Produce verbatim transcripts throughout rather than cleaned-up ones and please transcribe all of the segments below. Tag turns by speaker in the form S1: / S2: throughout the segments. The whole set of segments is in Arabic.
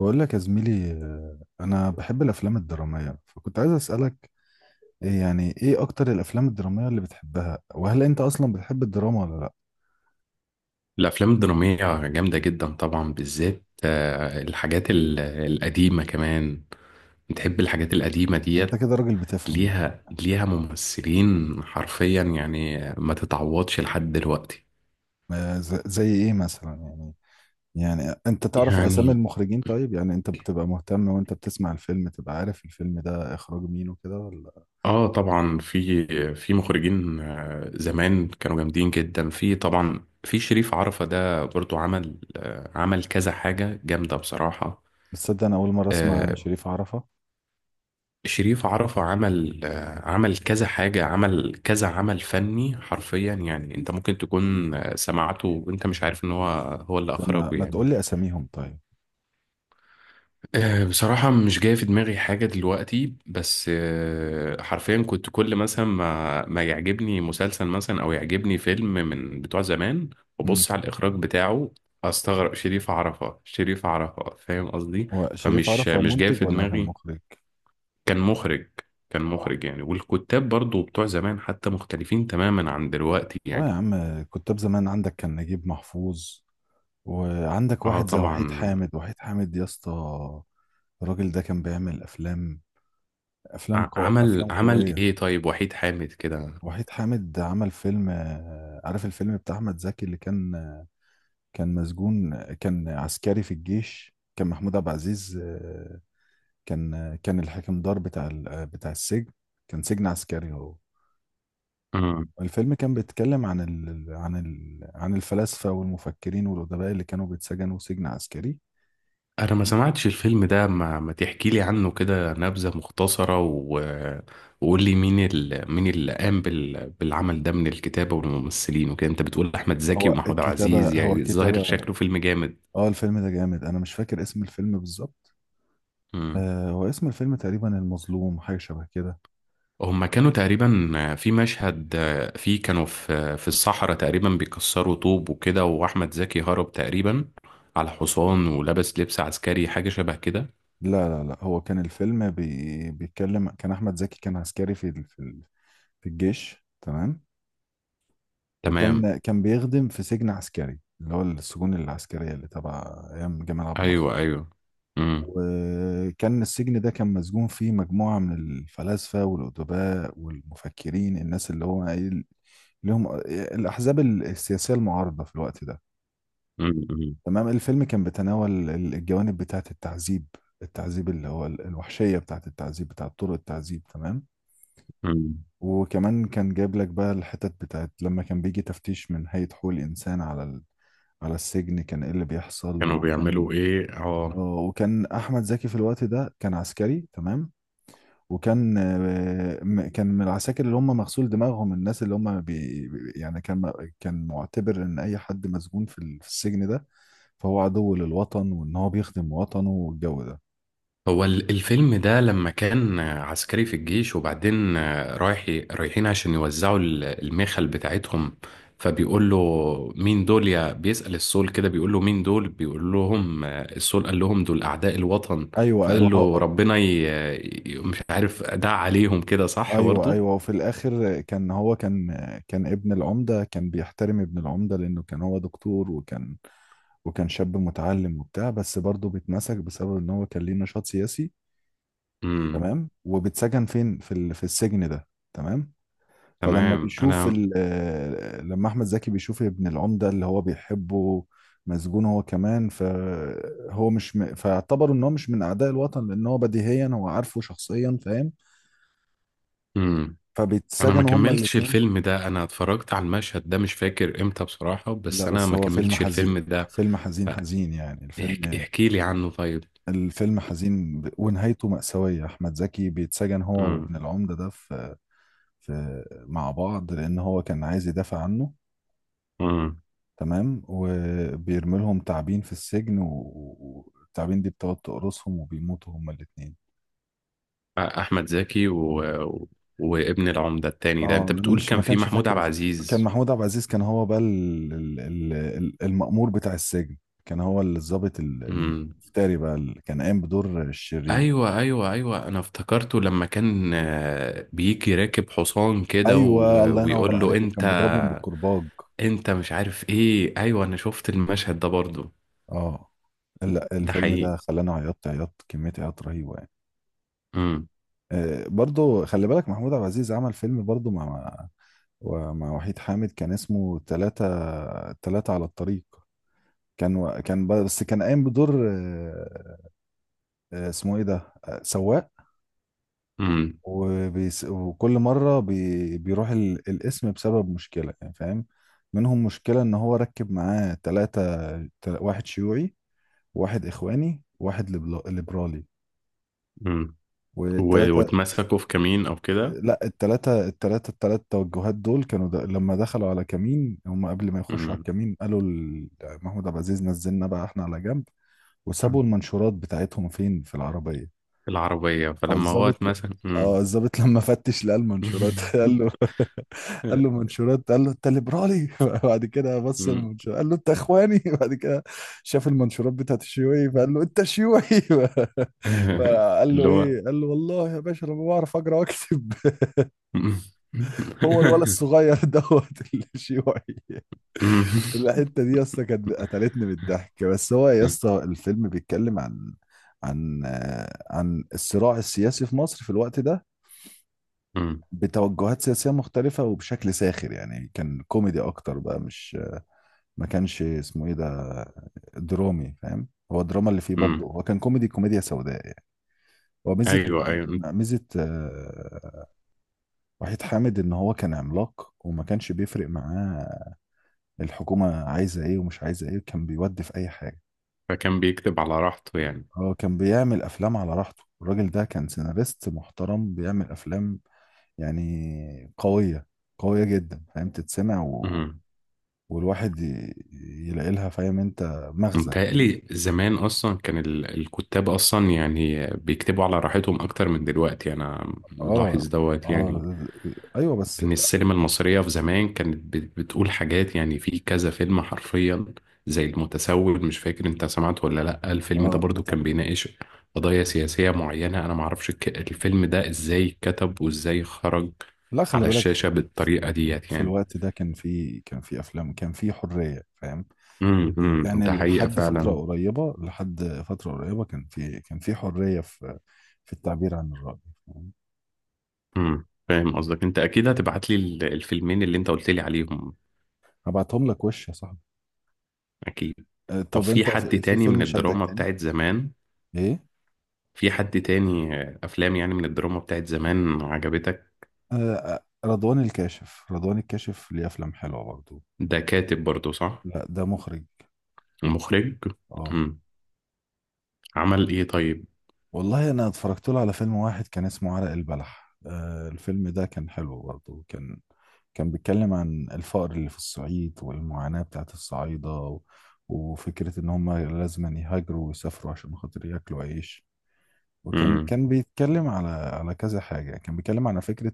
S1: بقول لك يا زميلي آه، انا بحب الافلام الدراميه، فكنت عايز اسالك إيه يعني ايه اكتر الافلام الدراميه اللي بتحبها، وهل انت اصلا بتحب الدراما ولا لا؟
S2: الأفلام الدرامية جامدة جدا طبعا، بالذات آه، الحاجات ال- القديمة كمان. بتحب الحاجات القديمة
S1: انت
S2: ديت؟
S1: كده راجل بتفهم والله.
S2: ليها، ليها ممثلين حرفيا، يعني ما تتعوضش لحد دلوقتي.
S1: آه، ز- زي ايه مثلا يعني؟ يعني انت تعرف اسامي
S2: يعني
S1: المخرجين؟ طيب يعني انت بتبقى مهتم وانت بتسمع الفيلم تبقى عارف الفيلم ده اخراج مين وكده ولا؟
S2: اه طبعا، في في مخرجين آه، زمان كانوا جامدين جدا. في طبعا في شريف عرفة، ده برضو عمل، آه، عمل كذا حاجة جامدة بصراحة.
S1: تصدق انا اول مره اسمع عن
S2: آه،
S1: شريف عرفة.
S2: شريف عرفة عمل، آه، عمل كذا حاجة، عمل كذا عمل فني حرفيا. يعني انت ممكن تكون آه، سمعته وانت مش عارف ان هو هو اللي
S1: طب ما,
S2: اخرجه
S1: ما
S2: يعني.
S1: تقول لي اساميهم طيب.
S2: آه، بصراحة مش جاي في دماغي حاجة دلوقتي، بس آه، حرفيا كنت كل مثلا ما ما يعجبني مسلسل مثلا او يعجبني فيلم من بتوع زمان،
S1: امم
S2: وبص على الاخراج بتاعه، استغرب شريف عرفة. شريف عرفة، فاهم قصدي؟
S1: هو شريف
S2: فمش
S1: عرفة
S2: مش جاي
S1: منتج
S2: في
S1: ولا كان
S2: دماغي.
S1: مخرج؟
S2: كان مخرج. كان
S1: اه.
S2: مخرج يعني. والكتاب برضو بتوع زمان حتى مختلفين تماما عن دلوقتي
S1: اه يا
S2: يعني.
S1: عم، كتاب زمان عندك كان نجيب محفوظ، وعندك
S2: اه
S1: واحد زي وحيد
S2: طبعا.
S1: حامد. وحيد حامد يا اسطى، الراجل ده كان بيعمل افلام، افلام
S2: ع-
S1: قو...
S2: عمل
S1: افلام
S2: عمل
S1: قويه.
S2: ايه طيب وحيد حامد كده؟
S1: وحيد حامد عمل فيلم، آه، عارف الفيلم بتاع احمد زكي اللي كان، آه، كان مسجون، آه، كان عسكري في الجيش، كان محمود عبد العزيز آه، كان، آه، كان الحكمدار بتاع ال- آه، بتاع السجن. كان سجن عسكري هو.
S2: مم.
S1: الفيلم كان بيتكلم عن ال... عن ال... عن الفلاسفة والمفكرين والأدباء اللي كانوا بيتسجنوا سجن عسكري.
S2: انا ما سمعتش الفيلم ده، ما, ما تحكي لي عنه كده نبذة مختصرة، و... وقول لي مين ال... مين اللي قام بال... بالعمل ده، من الكتابة والممثلين وكده. انت بتقول احمد زكي
S1: هو
S2: ومحمود عبد
S1: الكتابة
S2: العزيز، يعني
S1: هو
S2: الظاهر
S1: الكتابة
S2: شكله فيلم جامد.
S1: اه الفيلم ده جامد، أنا مش فاكر اسم الفيلم بالظبط.
S2: مم.
S1: آه، هو اسم الفيلم تقريبا المظلوم، حاجة شبه كده.
S2: هما كانوا تقريبا في مشهد فيه، كانوا في في الصحراء تقريبا بيكسروا طوب وكده، واحمد زكي هرب تقريبا على حصان ولبس لبس عسكري حاجه شبه كده.
S1: لا لا لا، هو كان الفيلم بي... بيتكلم، كان أحمد زكي كان عسكري في ال... في ال... في الجيش، تمام؟
S2: تمام.
S1: وكان كان بيخدم في سجن عسكري، اللي هو السجون العسكرية اللي تبع أيام جمال عبد الناصر.
S2: ايوه ايوه. امم
S1: وكان السجن ده كان مسجون فيه مجموعة من الفلاسفة والأدباء والمفكرين، الناس اللي هو إيه، لهم الأحزاب السياسية المعارضة في الوقت ده.
S2: امم أمم.
S1: تمام. الفيلم كان بيتناول الجوانب بتاعة التعذيب، التعذيب اللي هو الوحشية بتاعة التعذيب، بتاعة طرق التعذيب، تمام.
S2: امم.
S1: وكمان كان جايب لك بقى الحتت بتاعت لما كان بيجي تفتيش من هيئة حقوق الإنسان على ال... على السجن، كان إيه اللي بيحصل.
S2: كانوا
S1: وكان
S2: بيعملوا ايه
S1: آه،
S2: اه؟
S1: وكان أحمد زكي في الوقت ده كان عسكري، تمام. وكان، آه، م- كان من العساكر اللي هم مغسول دماغهم، الناس اللي هم بي بي- يعني كان، م- كان معتبر ان اي حد مسجون في ال- في السجن ده فهو عدو للوطن، وان هو بيخدم وطنه والجو ده.
S2: هو ال- الفيلم ده لما كان عسكري في الجيش، وبعدين رايح، رايحين عشان يوزعوا ال- المخل بتاعتهم، فبيقول له مين دول. يا بيسأل السول كده، بيقول له مين دول، بيقول لهم السول قال لهم دول أعداء الوطن.
S1: ايوه ايوه
S2: فقال له
S1: هو.
S2: ربنا ي... ي- مش عارف، دع عليهم كده، صح
S1: ايوه
S2: برضو.
S1: ايوه. وفي الاخر كان هو كان، كان ابن العمده، كان بيحترم ابن العمده لانه كان هو دكتور، وكان، وكان شاب متعلم وبتاع، بس برضه بيتمسك بسبب ان هو كان ليه نشاط سياسي.
S2: امم.
S1: تمام. وبيتسجن فين، في ال- في السجن ده، تمام. فلما
S2: تمام.
S1: بيشوف
S2: انا،
S1: ال- آه، لما احمد زكي بيشوف ابن العمده اللي هو بيحبه مسجون هو كمان، فهو مش م... فاعتبروا ان هو مش من اعداء الوطن، لان هو بديهيا هو عارفه شخصيا، فاهم؟
S2: امم، انا ما
S1: فبيتسجنوا هما
S2: كملتش
S1: الاتنين.
S2: الفيلم ده، انا اتفرجت على المشهد ده مش فاكر امتى بصراحة،
S1: لا
S2: بس انا
S1: بس
S2: ما
S1: هو فيلم
S2: كملتش
S1: حزين،
S2: الفيلم ده.
S1: فيلم حزين، حزين يعني
S2: احكي,
S1: الفيلم.
S2: احكي لي عنه طيب.
S1: الفيلم حزين ب- ونهايته مأساوية. أحمد زكي بيتسجن هو
S2: امم.
S1: وابن العمدة ده في, في مع بعض لأن هو كان عايز يدافع عنه.
S2: امم.
S1: تمام. وبيرمي لهم تعابين في السجن و- والتعابين دي بتقعد تقرصهم، وبيموتوا هما الاتنين.
S2: احمد زكي و... و- وابن العمدة التاني ده،
S1: اه
S2: انت
S1: انا
S2: بتقول
S1: مش
S2: كان
S1: ما
S2: في
S1: كانش
S2: محمود
S1: فاكر
S2: عبد
S1: اسمه. كان
S2: العزيز.
S1: محمود عبد العزيز، كان هو بقى ال- ال- ال- ال- المأمور بتاع السجن. كان هو الضابط ال- ال-
S2: امم.
S1: الفتاري بقى، اللي كان قايم بدور الشرير.
S2: ايوه ايوه ايوه، انا افتكرته لما كان آه، بيجي راكب حصان كده و...
S1: ايوه الله ينور
S2: ويقول له
S1: عليك،
S2: انت،
S1: وكان بيضربهم بالكرباج.
S2: انت مش عارف ايه. ايوه انا شفت المشهد ده برضو.
S1: اه. لا
S2: ده
S1: الفيلم
S2: حقيقي.
S1: ده خلاني عيطت، عيطت كمية عياط رهيبة.
S2: امم.
S1: آه، برضو خلي بالك محمود عبد العزيز عمل فيلم برضو مع مع ومع وحيد حامد، كان اسمه تلاتة، تلاتة على الطريق. كان، و- كان ب- بس كان قايم بدور، آه، آه، اسمه ايه ده، آه، سواق.
S2: امم.
S1: وبيس وكل مرة بي بيروح ال- الاسم بسبب مشكلة يعني، فاهم؟ منهم مشكلة ان هو ركب معاه تلاتة، تل- واحد شيوعي، واحد اخواني، واحد ليبرالي.
S2: امم. و...
S1: والتلاتة.
S2: واتمسكوا في كمين او كده.
S1: لا التلاتة، التلاتة التلات توجهات دول كانوا د... لما دخلوا على كمين، هم قبل ما يخشوا على
S2: امم.
S1: الكمين قالوا ل- محمود عبد العزيز نزلنا بقى احنا على جنب، وسابوا المنشورات بتاعتهم فين؟ في العربية.
S2: العربية؟ فلما هو
S1: فالظابط ل-
S2: اتمسك.
S1: اه
S2: امم.
S1: الظابط لما فتش لقى المنشورات قال له قال له منشورات، قال له انت ليبرالي. بعد كده بص المنشورات قال له انت اخواني. بعد كده شاف المنشورات بتاعت الشيوعي، فقال له انت شيوعي. فقال له
S2: اللي هو.
S1: ايه؟ قال له والله يا باشا انا ما بعرف اقرا واكتب. هو الولد الصغير دوت الشيوعي. الحته دي يا اسطى كانت قتلتني بالضحك. بس هو يا اسطى الفيلم بيتكلم عن عن آه، عن الصراع السياسي في مصر في الوقت ده، بتوجهات سياسيه مختلفه، وبشكل ساخر يعني. كان كوميدي اكتر بقى، مش، ما كانش اسمه ايه ده، درامي، فاهم؟ هو الدراما اللي فيه برضه، هو كان كوميدي، كوميديا سوداء يعني. هو ميزه،
S2: ايوه ايوه.
S1: ميزه آه، وحيد حامد ان هو كان عملاق، وما كانش بيفرق معاه الحكومة عايزة ايه ومش عايزة ايه، كان بيودي في اي حاجة.
S2: فكان بيكتب على راحته يعني.
S1: هو كان بيعمل افلام على راحته. الراجل ده كان سيناريست محترم، بيعمل افلام يعني قوية، قوية جدا، فاهم؟ تتسمع و...
S2: مم.
S1: والواحد ي... يلاقي لها، فاهم انت، مغزى.
S2: متهيألي زمان أصلا كان ال- الكتاب أصلا يعني بيكتبوا على راحتهم أكتر من دلوقتي، أنا
S1: اه.
S2: ملاحظ دوت يعني.
S1: اه. ايوه بس.
S2: ان السينما المصرية في زمان كانت بت- بتقول حاجات، يعني في كذا فيلم حرفيا، زي المتسول، مش فاكر انت سمعت ولا لا. الفيلم ده
S1: اه.
S2: برضو
S1: بتاع،
S2: كان بيناقش قضايا سياسية معينة. انا معرفش الك- الفيلم ده ازاي اتكتب وازاي خرج
S1: لا خلي
S2: على
S1: بالك،
S2: الشاشة بالطريقة ديت
S1: في
S2: يعني.
S1: الوقت ده كان في، كان في افلام، كان في حرية، فاهم
S2: امم إمم،
S1: يعني؟
S2: ده حقيقة
S1: لحد فترة
S2: فعلا.
S1: قريبة، لحد فترة قريبة كان في، كان في حرية في في التعبير عن الرأي، فاهم؟
S2: امم، فاهم قصدك. انت اكيد هتبعت لي ال- الفيلمين اللي انت قلت لي عليهم؟
S1: هبعتهم لك وش يا صاحبي.
S2: اكيد.
S1: آه،
S2: طب
S1: طب
S2: في
S1: انت
S2: حد
S1: في، في
S2: تاني من
S1: فيلم شدك
S2: الدراما
S1: تاني؟
S2: بتاعت زمان؟
S1: ايه؟
S2: في حد تاني افلام يعني من الدراما بتاعت زمان عجبتك؟
S1: آه، آه، رضوان الكاشف، رضوان الكاشف ليه افلام حلوة برضو.
S2: ده كاتب برضو، صح؟
S1: لا ده مخرج.
S2: ومخرج؟
S1: اه
S2: مم. عمل ايه طيب؟
S1: والله انا اتفرجت له على فيلم واحد كان اسمه عرق البلح. آه، الفيلم ده كان حلو برضه، كان كان بيتكلم عن الفقر اللي في الصعيد والمعاناة بتاعت الصعايدة و- وفكرة ان هم لازم يهاجروا ويسافروا عشان خاطر ياكلوا عيش. وكان،
S2: مم.
S1: كان بيتكلم على على كذا حاجة، كان بيتكلم على فكرة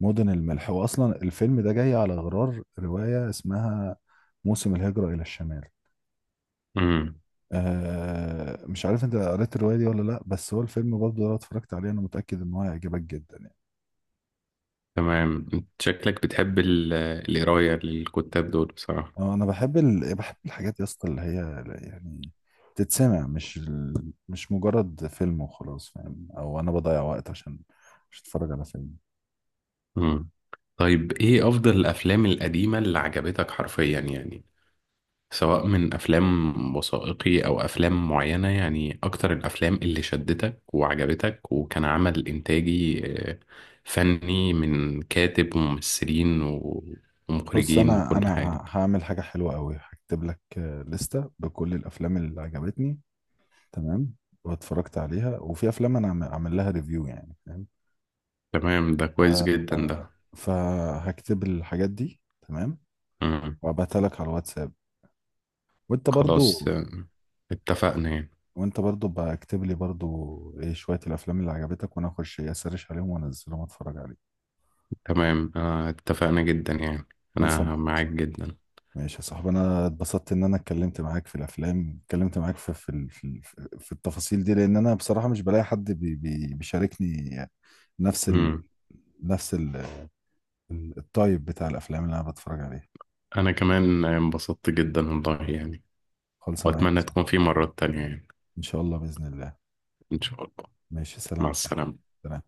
S1: المدن الملح. واصلا الفيلم ده جاي على غرار رواية اسمها موسم الهجرة إلى الشمال.
S2: مم.
S1: آه مش عارف انت قريت الرواية دي ولا لا، بس هو الفيلم برضه لو اتفرجت عليه انا متأكد ان هو هيعجبك جدا يعني.
S2: تمام. انت شكلك بتحب ال- القراية للكتاب دول بصراحة.
S1: آه، انا بحب ال... بحب الحاجات يا اسطى اللي هي يعني تتسمع، مش ال... مش مجرد فيلم وخلاص، فاهم؟ او انا بضيع وقت عشان مش اتفرج على فيلم.
S2: مم. طيب ايه افضل الافلام القديمة اللي عجبتك حرفيا يعني، سواء من افلام وثائقي او افلام معينة؟ يعني اكتر الافلام اللي شدتك وعجبتك، وكان عمل انتاجي آه، فني، من كاتب وممثلين و-
S1: بص
S2: ومخرجين
S1: انا
S2: وكل
S1: انا
S2: حاجة.
S1: ه- هعمل حاجة حلوة قوي، هكتب لك آه، لستة بكل الافلام اللي عجبتني، تمام؟ واتفرجت عليها. وفي افلام انا عم- عامل لها ريفيو، يعني فاهم.
S2: تمام، ده
S1: ف...
S2: كويس جدا
S1: آه،
S2: ده.
S1: فهكتب الحاجات دي، تمام،
S2: مم.
S1: وابعتها لك على الواتساب. وانت
S2: خلاص
S1: برضو،
S2: آه، اتفقنا يعني.
S1: وانت برضو بكتب لي برضو ايه شوية الافلام اللي عجبتك، وانا اخش إيه اسرش عليهم وانزلهم اتفرج عليهم.
S2: تمام آه، اتفقنا جدا يعني.
S1: خلصة
S2: انا
S1: معاك يا
S2: معاك
S1: صاحبي.
S2: جدا.
S1: ماشي يا صاحبي، انا اتبسطت ان انا اتكلمت معاك في الافلام، اتكلمت معاك في في ال- في, ال- في التفاصيل دي، لان انا بصراحة مش بلاقي حد بي بي بيشاركني نفس ال،
S2: مم.
S1: نفس ال ال- الطيب بتاع الافلام اللي انا بتفرج عليها.
S2: انا كمان انبسطت جدا والله يعني.
S1: خلصة معاك يا
S2: واتمنى
S1: صاحبي.
S2: تكون في مرات تانية يعني.
S1: ان شاء الله باذن الله.
S2: ان شاء الله.
S1: ماشي، سلام
S2: مع
S1: يا صاحبي.
S2: السلامة.
S1: سلام.